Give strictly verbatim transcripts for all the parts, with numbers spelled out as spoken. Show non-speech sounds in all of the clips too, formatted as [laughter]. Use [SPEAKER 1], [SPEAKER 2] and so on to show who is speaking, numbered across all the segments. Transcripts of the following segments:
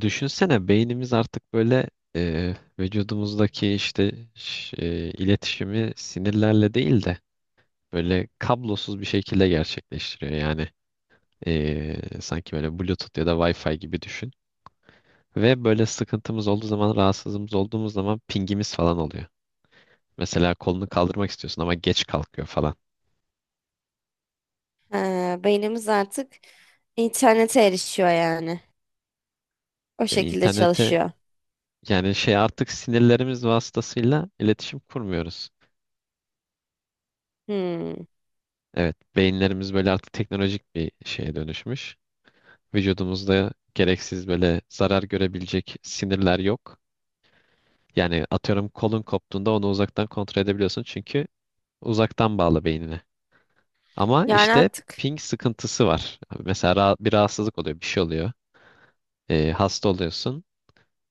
[SPEAKER 1] Düşünsene beynimiz artık böyle e, vücudumuzdaki işte ş- e, iletişimi sinirlerle değil de böyle kablosuz bir şekilde gerçekleştiriyor. Yani e, sanki böyle Bluetooth ya da Wi-Fi gibi düşün. Ve böyle sıkıntımız olduğu zaman, rahatsızlığımız olduğumuz zaman pingimiz falan oluyor. Mesela kolunu kaldırmak istiyorsun ama geç kalkıyor falan.
[SPEAKER 2] Ha, beynimiz artık internete erişiyor yani. O
[SPEAKER 1] Ya
[SPEAKER 2] şekilde
[SPEAKER 1] internete
[SPEAKER 2] çalışıyor.
[SPEAKER 1] yani şey artık sinirlerimiz vasıtasıyla iletişim kurmuyoruz.
[SPEAKER 2] Hmm.
[SPEAKER 1] Evet, beyinlerimiz böyle artık teknolojik bir şeye dönüşmüş. Vücudumuzda gereksiz böyle zarar görebilecek sinirler yok. Yani atıyorum kolun koptuğunda onu uzaktan kontrol edebiliyorsun çünkü uzaktan bağlı beynine. Ama
[SPEAKER 2] Yani
[SPEAKER 1] işte
[SPEAKER 2] artık
[SPEAKER 1] ping sıkıntısı var. Mesela ra- bir rahatsızlık oluyor, bir şey oluyor. Ee, hasta oluyorsun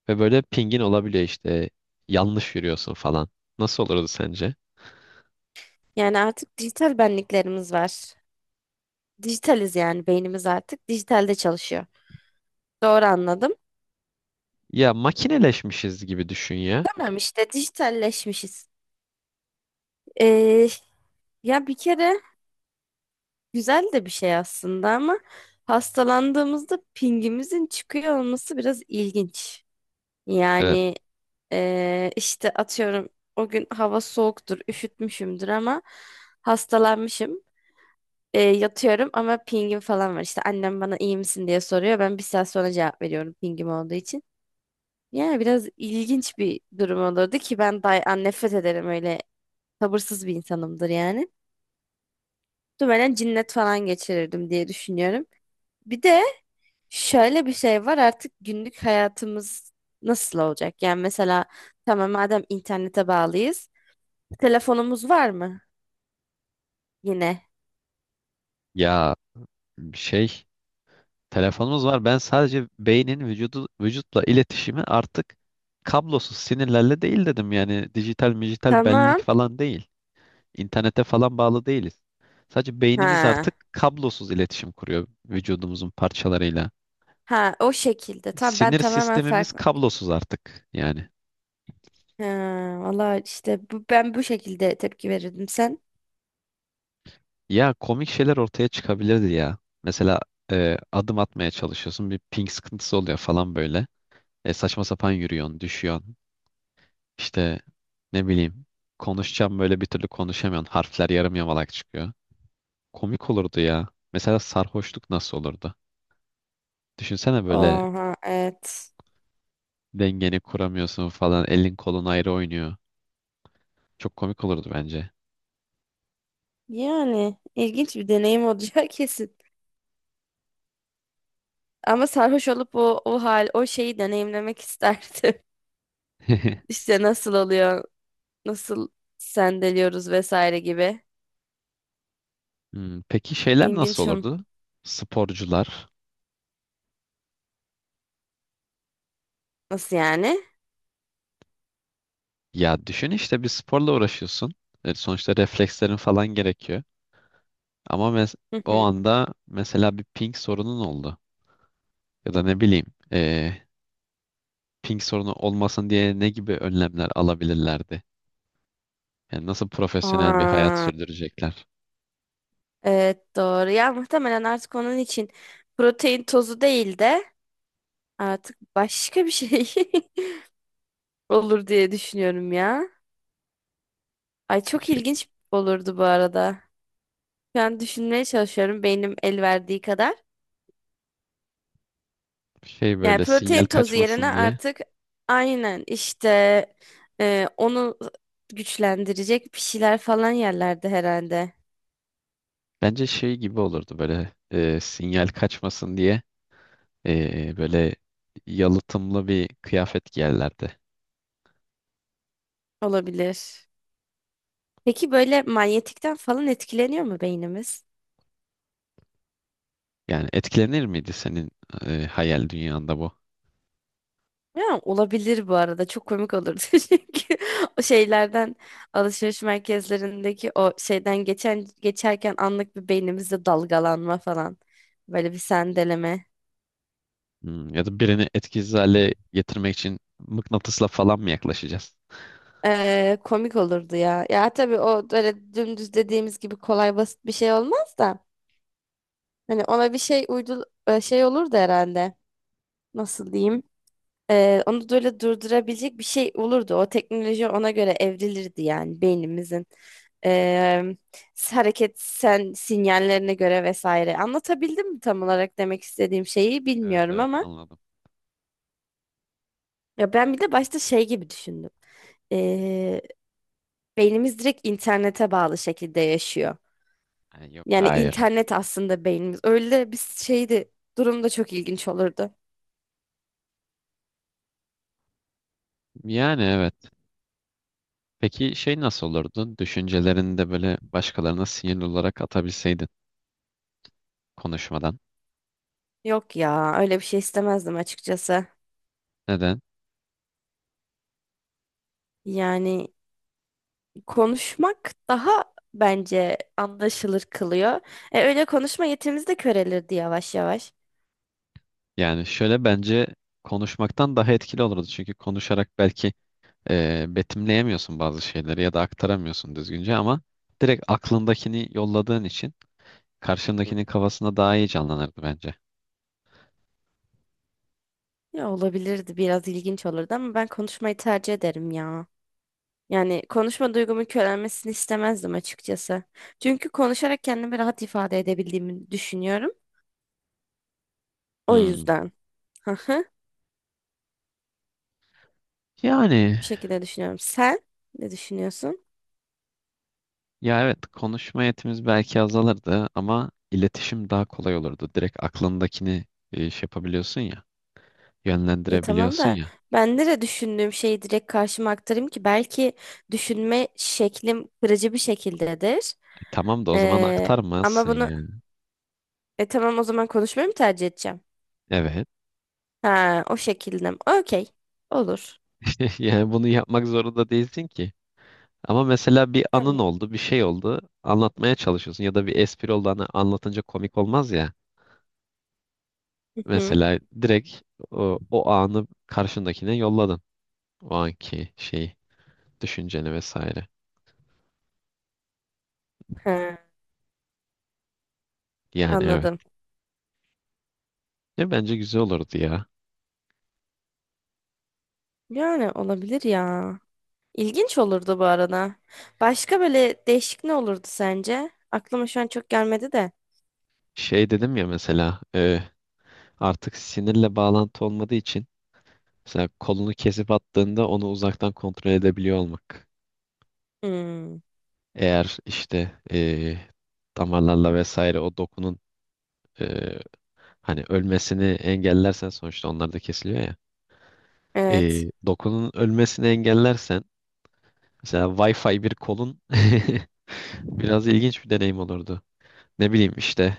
[SPEAKER 1] ve böyle pingin olabiliyor işte yanlış yürüyorsun falan. Nasıl olurdu sence?
[SPEAKER 2] yani artık dijital benliklerimiz var. Dijitaliz yani beynimiz artık dijitalde çalışıyor. Doğru anladım.
[SPEAKER 1] Ya makineleşmişiz gibi düşün ya.
[SPEAKER 2] Tamam işte dijitalleşmişiz. Ee, Ya bir kere güzel de bir şey aslında ama hastalandığımızda pingimizin çıkıyor olması biraz ilginç.
[SPEAKER 1] Evet.
[SPEAKER 2] Yani eee, işte atıyorum o gün hava soğuktur, üşütmüşümdür ama hastalanmışım. Eee, yatıyorum ama pingim falan var. İşte annem bana iyi misin diye soruyor. Ben bir saat sonra cevap veriyorum pingim olduğu için. Yani biraz ilginç bir durum olurdu ki ben day an nefret ederim öyle sabırsız bir insanımdır yani. Muhtemelen cinnet falan geçirirdim diye düşünüyorum. Bir de şöyle bir şey var, artık günlük hayatımız nasıl olacak? Yani mesela tamam, madem internete bağlıyız. Telefonumuz var mı? Yine.
[SPEAKER 1] Ya şey, telefonumuz var. Ben sadece beynin vücudu, vücutla iletişimi artık kablosuz sinirlerle değil dedim. Yani dijital, dijital benlik
[SPEAKER 2] Tamam.
[SPEAKER 1] falan değil. İnternete falan bağlı değiliz. Sadece beynimiz artık
[SPEAKER 2] Ha.
[SPEAKER 1] kablosuz iletişim kuruyor vücudumuzun parçalarıyla.
[SPEAKER 2] Ha, o şekilde. Tamam, ben
[SPEAKER 1] Sinir
[SPEAKER 2] tamamen
[SPEAKER 1] sistemimiz
[SPEAKER 2] farklı.
[SPEAKER 1] kablosuz artık yani.
[SPEAKER 2] Ha, valla işte bu, ben bu şekilde tepki verirdim sen.
[SPEAKER 1] Ya komik şeyler ortaya çıkabilirdi ya. Mesela e, adım atmaya çalışıyorsun bir ping sıkıntısı oluyor falan böyle. E, saçma sapan yürüyorsun, düşüyorsun. İşte ne bileyim konuşacağım böyle bir türlü konuşamıyorsun. Harfler yarım yamalak çıkıyor. Komik olurdu ya. Mesela sarhoşluk nasıl olurdu? Düşünsene böyle
[SPEAKER 2] Oha, evet.
[SPEAKER 1] dengeni kuramıyorsun falan. Elin kolun ayrı oynuyor. Çok komik olurdu bence.
[SPEAKER 2] Yani ilginç bir deneyim olacak [laughs] kesin. Ama sarhoş olup o, o hal o şeyi deneyimlemek isterdim. [laughs]
[SPEAKER 1] [laughs]
[SPEAKER 2] İşte nasıl oluyor? Nasıl sendeliyoruz vesaire gibi.
[SPEAKER 1] Hmm, peki şeyler nasıl
[SPEAKER 2] İlginç. O.
[SPEAKER 1] olurdu? Sporcular.
[SPEAKER 2] Nasıl yani?
[SPEAKER 1] Ya düşün işte bir sporla uğraşıyorsun. E, sonuçta reflekslerin falan gerekiyor. Ama mes-
[SPEAKER 2] Hı
[SPEAKER 1] o
[SPEAKER 2] hı.
[SPEAKER 1] anda mesela bir ping sorunun oldu. Ya da ne bileyim, e, ping sorunu olmasın diye ne gibi önlemler alabilirlerdi? Yani nasıl profesyonel bir hayat
[SPEAKER 2] Aa,
[SPEAKER 1] sürdürecekler?
[SPEAKER 2] evet doğru. Ya muhtemelen artık onun için protein tozu değil de artık başka bir şey [laughs] olur diye düşünüyorum ya. Ay, çok
[SPEAKER 1] Şey,
[SPEAKER 2] ilginç olurdu bu arada. Şu an düşünmeye çalışıyorum, beynim el verdiği kadar.
[SPEAKER 1] şey
[SPEAKER 2] Yani
[SPEAKER 1] böyle sinyal
[SPEAKER 2] protein tozu yerine
[SPEAKER 1] kaçmasın diye.
[SPEAKER 2] artık aynen işte e, onu güçlendirecek bir şeyler falan yerlerde herhalde.
[SPEAKER 1] Bence şey gibi olurdu böyle, e, sinyal kaçmasın diye e, böyle yalıtımlı bir kıyafet giyerlerdi.
[SPEAKER 2] Olabilir. Peki böyle manyetikten falan etkileniyor mu beynimiz?
[SPEAKER 1] Yani etkilenir miydi senin e, hayal dünyanda bu?
[SPEAKER 2] Ya, olabilir bu arada. Çok komik olurdu [laughs] çünkü o şeylerden, alışveriş merkezlerindeki o şeyden geçen geçerken anlık bir beynimizde dalgalanma falan. Böyle bir sendeleme.
[SPEAKER 1] Hmm, ya da birini etkisiz hale getirmek için mıknatısla falan mı yaklaşacağız?
[SPEAKER 2] Ee, komik olurdu ya. Ya tabii o böyle dümdüz dediğimiz gibi kolay basit bir şey olmaz da. Hani ona bir şey uydu e, şey olurdu herhalde. Nasıl diyeyim? Ee, onu böyle durdurabilecek bir şey olurdu. O teknoloji ona göre evrilirdi yani beynimizin ee, hareket sen sinyallerine göre vesaire. Anlatabildim mi tam olarak demek istediğim şeyi
[SPEAKER 1] Evet
[SPEAKER 2] bilmiyorum
[SPEAKER 1] evet
[SPEAKER 2] ama
[SPEAKER 1] anladım.
[SPEAKER 2] ya ben bir de başta şey gibi düşündüm. Ee, Beynimiz direkt internete bağlı şekilde yaşıyor.
[SPEAKER 1] Ha, yok
[SPEAKER 2] Yani
[SPEAKER 1] hayır.
[SPEAKER 2] internet aslında beynimiz. Öyle bir şeydi. Durum da çok ilginç olurdu.
[SPEAKER 1] Yani evet. Peki şey nasıl olurdu? Düşüncelerini de böyle başkalarına sinirli olarak atabilseydin konuşmadan.
[SPEAKER 2] Yok ya, öyle bir şey istemezdim açıkçası.
[SPEAKER 1] Neden?
[SPEAKER 2] Yani konuşmak daha bence anlaşılır kılıyor. E, öyle konuşma yetimiz de körelirdi yavaş yavaş.
[SPEAKER 1] Yani şöyle bence konuşmaktan daha etkili olurdu. Çünkü konuşarak belki e, betimleyemiyorsun bazı şeyleri ya da aktaramıyorsun düzgünce ama direkt aklındakini yolladığın için
[SPEAKER 2] Hı.
[SPEAKER 1] karşındakinin kafasında daha iyi canlanırdı bence.
[SPEAKER 2] Ya olabilirdi, biraz ilginç olurdu ama ben konuşmayı tercih ederim ya. Yani konuşma duygumun körelmesini istemezdim açıkçası. Çünkü konuşarak kendimi rahat ifade edebildiğimi düşünüyorum. O
[SPEAKER 1] Hmm.
[SPEAKER 2] yüzden. Hı hı.
[SPEAKER 1] Yani
[SPEAKER 2] Bu şekilde düşünüyorum. Sen ne düşünüyorsun?
[SPEAKER 1] ya evet konuşma yetimiz belki azalırdı ama iletişim daha kolay olurdu. Direkt aklındakini e, şey yapabiliyorsun ya,
[SPEAKER 2] Ya tamam
[SPEAKER 1] yönlendirebiliyorsun
[SPEAKER 2] da
[SPEAKER 1] ya.
[SPEAKER 2] ben nereye düşündüğüm şeyi direkt karşıma aktarayım ki, belki düşünme şeklim kırıcı bir şekildedir.
[SPEAKER 1] Tamam da o zaman
[SPEAKER 2] Ee, Ama
[SPEAKER 1] aktarmazsın
[SPEAKER 2] bunu
[SPEAKER 1] yani.
[SPEAKER 2] e tamam, o zaman konuşmayı mı tercih edeceğim?
[SPEAKER 1] Evet.
[SPEAKER 2] Ha, o şekilde mi? Okey. Olur.
[SPEAKER 1] [laughs] Yani bunu yapmak zorunda değilsin ki. Ama mesela bir anın
[SPEAKER 2] Tamam.
[SPEAKER 1] oldu, bir şey oldu, anlatmaya çalışıyorsun ya da bir espri oldu hani anlatınca komik olmaz ya.
[SPEAKER 2] Hı hı.
[SPEAKER 1] Mesela direkt o, o anı karşındakine yolladın. O anki şeyi, düşünceni vesaire.
[SPEAKER 2] Ha,
[SPEAKER 1] Yani evet.
[SPEAKER 2] anladım.
[SPEAKER 1] Ya bence güzel olurdu ya.
[SPEAKER 2] Yani olabilir ya. İlginç olurdu bu arada. Başka böyle değişik ne olurdu sence? Aklıma şu an çok gelmedi de.
[SPEAKER 1] Şey dedim ya mesela, e, artık sinirle bağlantı olmadığı için mesela kolunu kesip attığında onu uzaktan kontrol edebiliyor olmak.
[SPEAKER 2] Hmm,
[SPEAKER 1] Eğer işte eee, damarlarla vesaire o dokunun eee, hani ölmesini engellersen sonuçta onlar da kesiliyor ya.
[SPEAKER 2] evet.
[SPEAKER 1] Eee, dokunun ölmesini engellersen mesela Wi-Fi bir kolun [laughs] biraz ilginç bir deneyim olurdu. Ne bileyim işte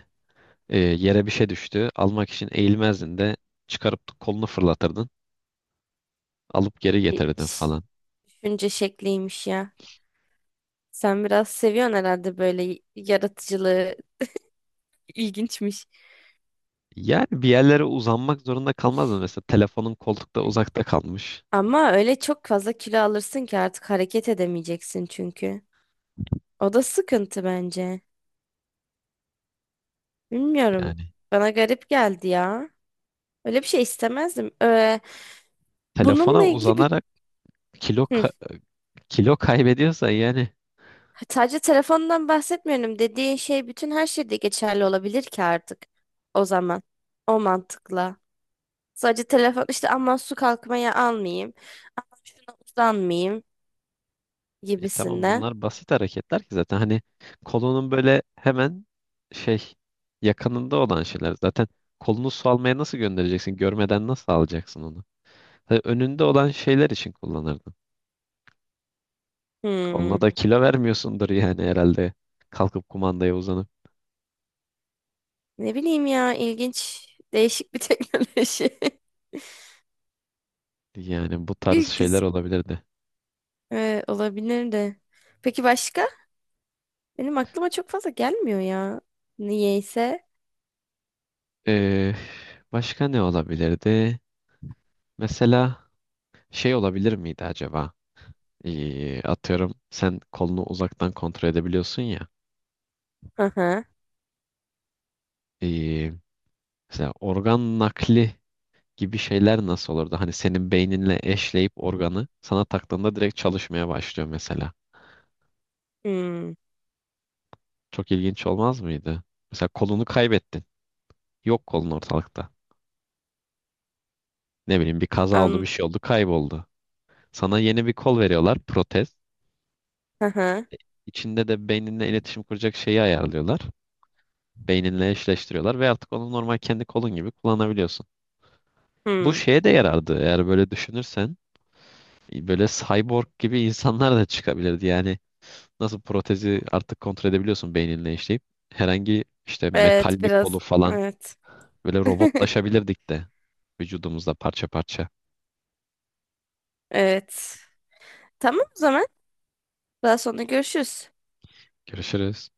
[SPEAKER 1] eee, yere bir şey düştü almak için eğilmezdin de çıkarıp kolunu fırlatırdın alıp geri
[SPEAKER 2] Bir
[SPEAKER 1] getirirdin
[SPEAKER 2] ş-
[SPEAKER 1] falan.
[SPEAKER 2] Düşünce şekliymiş ya. Sen biraz seviyorsun herhalde böyle y- yaratıcılığı. İlginçmiş.
[SPEAKER 1] Yani bir yerlere uzanmak zorunda kalmazdın mesela telefonun koltukta uzakta kalmış.
[SPEAKER 2] Ama öyle çok fazla kilo alırsın ki artık hareket edemeyeceksin çünkü. O da sıkıntı bence. Bilmiyorum.
[SPEAKER 1] Yani
[SPEAKER 2] Bana garip geldi ya. Öyle bir şey istemezdim. Ee,
[SPEAKER 1] telefona
[SPEAKER 2] bununla ilgili bir...
[SPEAKER 1] uzanarak kilo
[SPEAKER 2] Hı.
[SPEAKER 1] kilo kaybediyorsa yani,
[SPEAKER 2] Sadece telefondan bahsetmiyorum. Dediğin şey bütün her şeyde geçerli olabilir ki artık. O zaman. O mantıkla. Sadece telefon işte, aman su kalkmaya almayayım. Aman şuna uzanmayayım
[SPEAKER 1] e, tamam
[SPEAKER 2] gibisinden.
[SPEAKER 1] bunlar basit hareketler ki zaten hani kolunun böyle hemen şey yakınında olan şeyler zaten, kolunu su almaya nasıl göndereceksin, görmeden nasıl alacaksın onu? Tabii önünde olan şeyler için kullanırdın, onunla
[SPEAKER 2] Hmm.
[SPEAKER 1] da kilo vermiyorsundur yani herhalde, kalkıp kumandaya uzanıp.
[SPEAKER 2] Ne bileyim ya, ilginç. Değişik bir [laughs] teknoloji.
[SPEAKER 1] Yani bu tarz
[SPEAKER 2] İlginç.
[SPEAKER 1] şeyler olabilirdi.
[SPEAKER 2] Ee, olabilir de. Peki başka? Benim aklıma çok fazla gelmiyor ya. Niyeyse.
[SPEAKER 1] Ee, Başka ne olabilirdi mesela, şey olabilir miydi acaba? Ee, atıyorum sen kolunu uzaktan kontrol edebiliyorsun ya.
[SPEAKER 2] Hı hı.
[SPEAKER 1] Ee, Mesela organ nakli gibi şeyler nasıl olurdu? Hani senin beyninle eşleyip organı sana taktığında direkt çalışmaya başlıyor mesela.
[SPEAKER 2] Hmm.
[SPEAKER 1] Çok ilginç olmaz mıydı? Mesela kolunu kaybettin. Yok, kolun ortalıkta. Ne bileyim bir kaza oldu, bir
[SPEAKER 2] An.
[SPEAKER 1] şey oldu, kayboldu. Sana yeni bir kol veriyorlar, protez.
[SPEAKER 2] Hı hı.
[SPEAKER 1] İçinde de beyninle iletişim kuracak şeyi ayarlıyorlar. Beyninle eşleştiriyorlar ve artık onu normal kendi kolun gibi kullanabiliyorsun. Bu
[SPEAKER 2] Hmm.
[SPEAKER 1] şeye de yarardı eğer böyle düşünürsen. Böyle cyborg gibi [laughs] insanlar da çıkabilirdi yani. Nasıl protezi artık kontrol edebiliyorsun beyninle işleyip. Herhangi işte
[SPEAKER 2] Evet,
[SPEAKER 1] metal bir kolu
[SPEAKER 2] biraz.
[SPEAKER 1] falan
[SPEAKER 2] Evet.
[SPEAKER 1] böyle
[SPEAKER 2] [laughs]
[SPEAKER 1] robotlaşabilirdik de vücudumuzda parça parça.
[SPEAKER 2] Evet. Tamam o zaman. Daha sonra görüşürüz.
[SPEAKER 1] Görüşürüz.